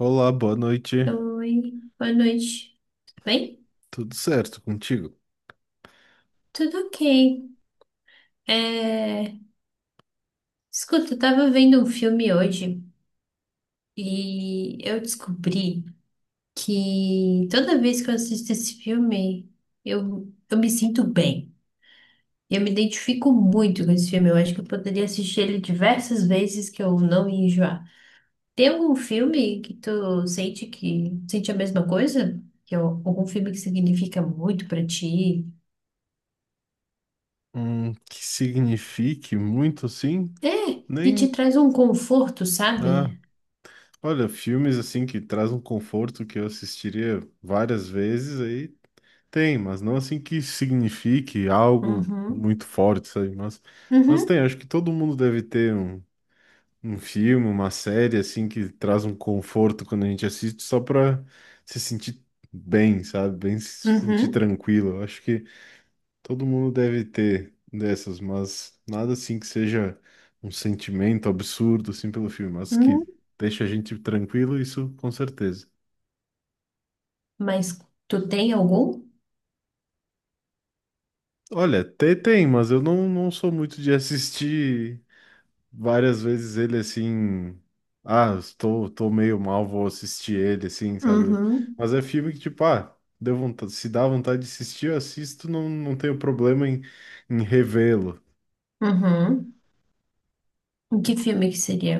Olá, boa noite. Oi, boa noite. Tudo bem? Tudo certo contigo? Tudo ok. É, escuta, eu tava vendo um filme hoje e eu descobri que toda vez que eu assisto esse filme, eu me sinto bem. Eu me identifico muito com esse filme. Eu acho que eu poderia assistir ele diversas vezes que eu não ia enjoar. Tem algum filme que tu sente que sente a mesma coisa? Que é algum filme que significa muito pra ti? Que signifique muito assim? É, que te Nem. traz um conforto, Ah, sabe? olha, filmes assim que traz um conforto que eu assistiria várias vezes aí tem, mas não assim que signifique algo Uhum, muito forte, sabe? Mas, uhum, tem, acho que todo mundo deve ter um, filme, uma série assim que traz um conforto quando a gente assiste só pra se sentir bem, sabe? Bem se sentir uhum, tranquilo. Eu acho que. Todo mundo deve ter dessas, mas nada assim que seja um sentimento absurdo assim pelo filme, mas uhum. que deixa a gente tranquilo, isso com certeza. Mas tu tem algum? Olha, tem, tem, mas eu não, não sou muito de assistir várias vezes ele assim. Ah, tô meio mal, vou assistir ele assim, sabe? Uhum, Mas é filme que, tipo, ah, deu vontade, se dá vontade de assistir, eu assisto, não, não tenho problema em, revê-lo. uhum. E que filme que seria?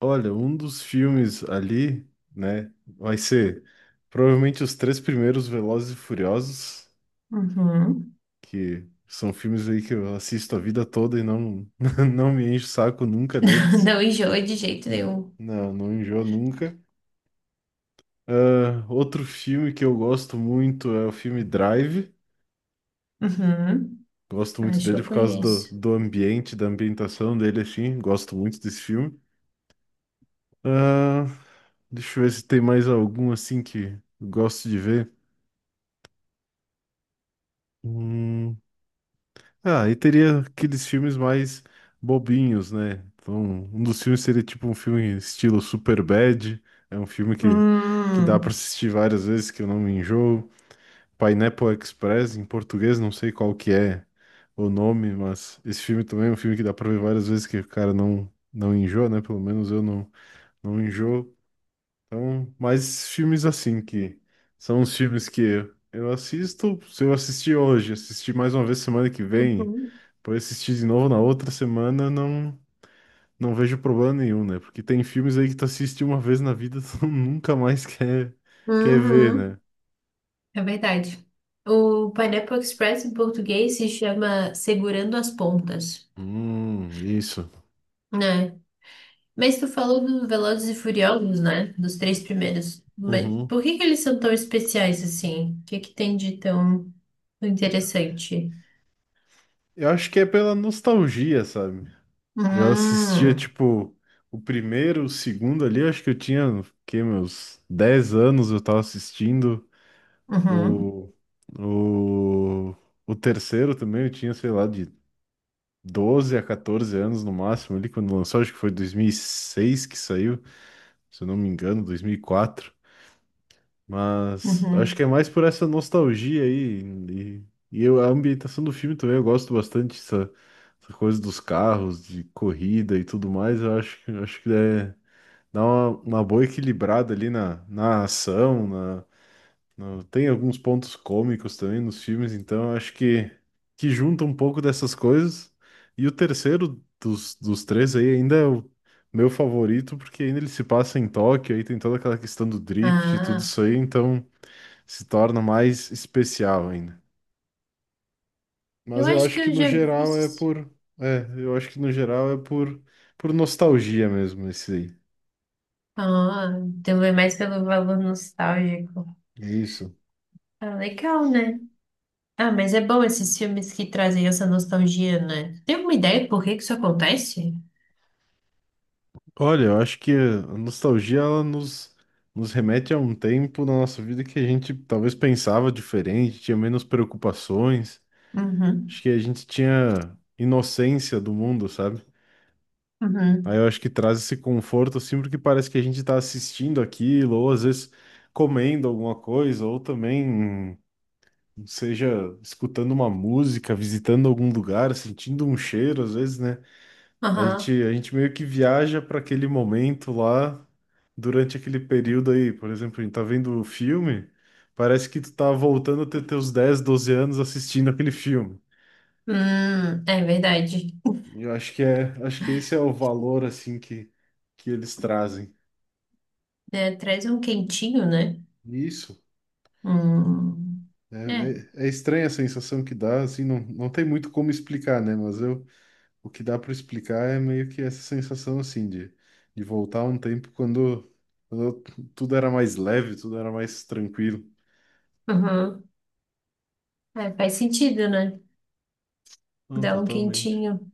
Olha, um dos filmes ali, né, vai ser provavelmente os três primeiros Velozes e Furiosos, Uhum. que são filmes aí que eu assisto a vida toda e não, não me encho o saco nunca deles. Não enjoa de jeito nenhum. Não, não enjoo nunca. Ah, outro filme que eu gosto muito é o filme Drive. Uhum. Gosto muito Acho que dele eu por causa do, conheço. Ambiente, da ambientação dele, assim. Gosto muito desse filme. Ah, deixa eu ver se tem mais algum assim que eu gosto de ver. Hum, Ah, e teria aqueles filmes mais bobinhos, né? Então, um dos filmes seria tipo um filme estilo Superbad, é um filme que, dá para Hum. assistir várias vezes, que eu não me enjoo. Pineapple Express, em português, não sei qual que é o nome, mas esse filme também é um filme que dá para ver várias vezes, que o cara não, não enjoa, né? Pelo menos eu não, não enjoo. Então, mais filmes assim que são os filmes que eu assisto. Se eu assistir hoje, assistir mais uma vez semana que vem, Uhum. depois assistir de novo na outra semana, não, não vejo problema nenhum, né? Porque tem filmes aí que tu assiste uma vez na vida, tu nunca mais quer ver, Uhum. né? É verdade. O Pineapple Express em português se chama Segurando as Pontas, Isso. né? Mas tu falou dos Velozes e Furiosos, né? Dos três primeiros. Mas Uhum. por que que eles são tão especiais assim? O que que tem de tão interessante? Eu acho que é pela nostalgia, sabe? Eu assistia, Hum, tipo, o primeiro, o segundo ali, acho que eu tinha, o quê, meus 10 anos eu tava assistindo. uhum, O, o, o terceiro também eu tinha, sei lá, de 12 a 14 anos no máximo ali quando lançou, acho que foi 2006 que saiu, se eu não me engano, 2004. Mas acho que uhum. é mais por essa nostalgia aí e eu, a ambientação do filme também, eu gosto bastante dessa, essa coisa dos carros, de corrida e tudo mais. Eu acho que Acho que é, dá uma boa equilibrada ali na, ação, tem alguns pontos cômicos também nos filmes, então eu acho que, junta um pouco dessas coisas. E o terceiro dos três aí ainda é o meu favorito, porque ainda ele se passa em Tóquio, aí tem toda aquela questão do drift e tudo Ah, isso aí, então se torna mais especial ainda. eu Mas eu acho acho que que eu no já vi geral é isso. por. É, eu acho que no geral é por nostalgia mesmo, esse aí. Ah, então é mais pelo valor nostálgico. É isso. Ah, legal, né? Ah, mas é bom esses filmes que trazem essa nostalgia, né? Tem alguma ideia por que que isso acontece? Olha, eu acho que a nostalgia ela nos remete a um tempo na nossa vida que a gente talvez pensava diferente, tinha menos preocupações, acho Uhum, que a gente tinha inocência do mundo, sabe? Aí uhum, eu acho que traz esse conforto assim, porque parece que a gente tá assistindo aquilo, ou às vezes comendo alguma coisa, ou também seja escutando uma música, visitando algum lugar, sentindo um cheiro, às vezes, né? Aham. A gente meio que viaja para aquele momento lá, durante aquele período aí. Por exemplo, a gente tá vendo o filme, parece que tu tá voltando a ter teus 10 12 anos assistindo aquele filme. É verdade. E eu acho que é, acho que esse é o valor, assim, que, eles trazem. É, traz um quentinho, né? Isso. Hum, É, é, É estranha a sensação que dá, assim, não, não tem muito como explicar, né? Mas eu, o que dá para explicar é meio que essa sensação, assim, de, voltar a um tempo quando tudo era mais leve, tudo era mais tranquilo. uhum. É, faz sentido, né? Não, Dá um totalmente. quentinho,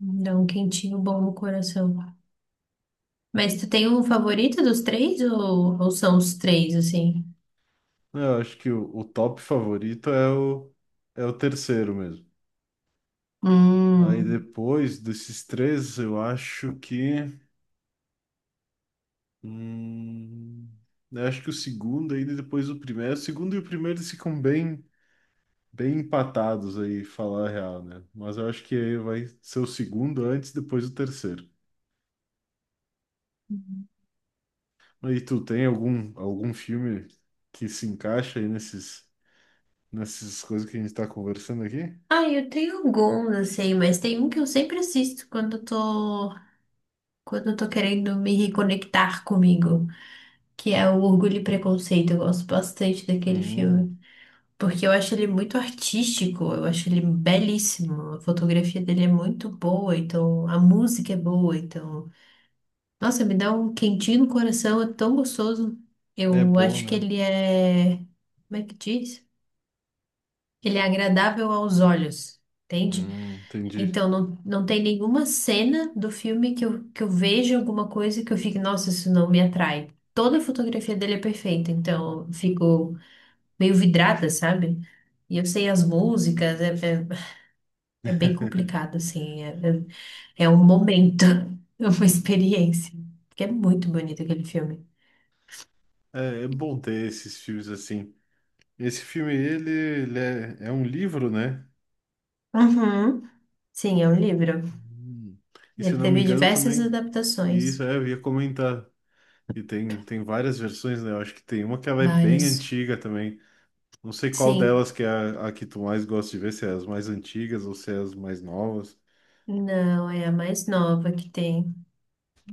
dá um quentinho bom no coração. Mas tu tem um favorito dos três ou são os três, assim? É, eu acho que o top favorito é o terceiro mesmo. Aí Hum. depois desses três, eu acho que. Hum, eu acho que o segundo ainda e depois o primeiro. O segundo e o primeiro eles ficam bem, bem empatados aí, falar a real, né? Mas eu acho que aí vai ser o segundo antes, depois o terceiro. E tu tem algum filme que se encaixa aí nesses, nessas coisas que a gente tá conversando aqui? Ah, eu tenho alguns, assim, mas tem um que eu sempre assisto quando eu tô querendo me reconectar comigo, que é o Orgulho e Preconceito. Eu gosto bastante daquele Hum, filme. Porque eu acho ele muito artístico, eu acho ele belíssimo, a fotografia dele é muito boa, então a música é boa, então. Nossa, me dá um quentinho no coração, é tão gostoso. É Eu bom, acho que né? ele é. Como é que diz? Ele é agradável aos olhos, entende? Entendi. Então não, não tem nenhuma cena do filme que eu veja alguma coisa que eu fique, nossa, isso não me atrai. Toda a fotografia dele é perfeita, então eu fico meio vidrada, sabe? E eu sei as músicas, é bem complicado, assim. É um momento, é uma experiência. Porque é muito bonito aquele filme. É, é bom ter esses filmes assim. Esse filme, ele é um livro, né? Uhum. Sim, é um livro. Hum. E se eu Ele não me teve engano diversas também. E isso, adaptações, é, eu ia comentar. E tem, tem várias versões, né? Eu acho que tem uma que ela é bem várias. antiga também. Não sei qual Sim, delas que é a que tu mais gosta de ver, se é as mais antigas ou se é as mais novas. não, é a mais nova que tem.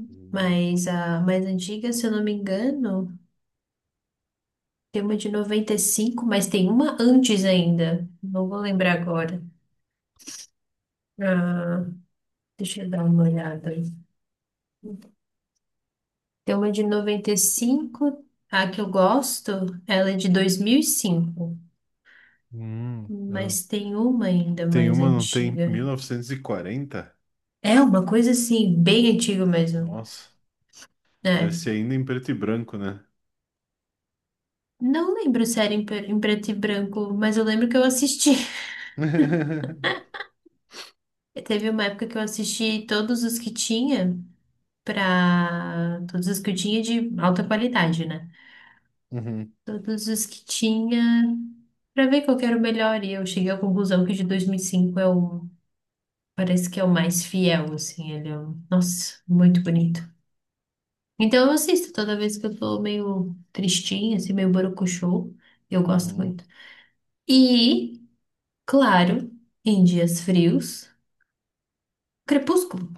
Hum. Mas a mais antiga, se eu não me engano, tem uma de 95, mas tem uma antes ainda. Não vou lembrar agora. Ah, deixa eu dar uma olhada. Tem uma de 95 a que eu gosto, ela é de 2005, É. mas tem uma ainda Tem mais uma, não tem? antiga. 1940? É uma coisa assim, bem antiga mesmo, Nossa, deve né? ser ainda em preto e branco, né? Não lembro se era em, em preto e branco, mas eu lembro que eu assisti. Teve uma época que eu assisti todos os que tinha, pra. Todos os que eu tinha de alta qualidade, né? Uhum. Todos os que tinha, pra ver qual que era o melhor, e eu cheguei à conclusão que o de 2005 é o. Parece que é o mais fiel, assim, ele é um... Nossa, muito bonito. Então eu assisto toda vez que eu tô meio tristinha, assim, meio borocochô. Eu gosto Uhum. muito. E, claro, em dias frios, crepúsculo.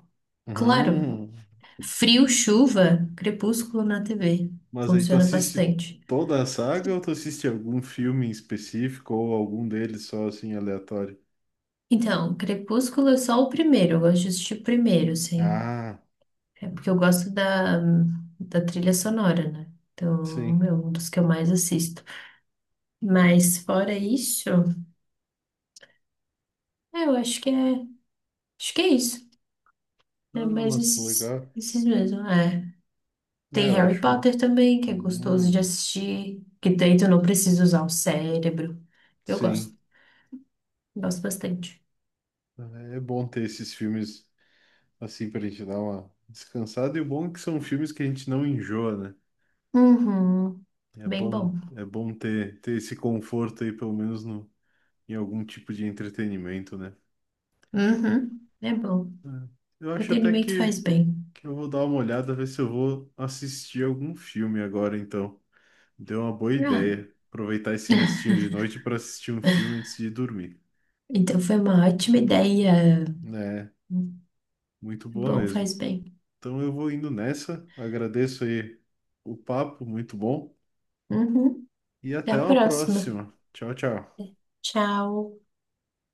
Claro. Uhum. Frio, chuva, crepúsculo na TV. Mas aí tu Funciona assiste bastante. toda a saga ou tu assiste algum filme em específico ou algum deles só assim aleatório? Então, crepúsculo é só o primeiro. Eu gosto de assistir o primeiro, assim. Ah, É porque eu gosto da trilha sonora, né? sim. Então, é um dos que eu mais assisto. Mas fora isso, é, eu acho que é isso. É Ah, mais mas esses, legal. esses mesmo, é. Tem É, eu Harry acho muito. Potter também, que é gostoso de Hum, assistir, que daí tu não precisa usar o cérebro. Eu gosto, sim. gosto bastante. É bom ter esses filmes assim pra gente dar uma descansada. E o bom é que são filmes que a gente não enjoa, né? Uhum, É bem bom, bom. é bom ter esse conforto aí, pelo menos no, em algum tipo de entretenimento, né? Uhum, é bom. É. Eu acho até Entretenimento faz que bem. eu vou dar uma olhada, ver se eu vou assistir algum filme agora, então. Deu uma boa Ah, ideia. Aproveitar esse restinho de noite para assistir um filme antes de dormir. então foi uma ótima ideia. É, muito boa Bom, mesmo. faz bem. Então eu vou indo nessa. Agradeço aí o papo, muito bom. Uhum, E até a até uma próxima. próxima. Tchau, tchau. Tchau.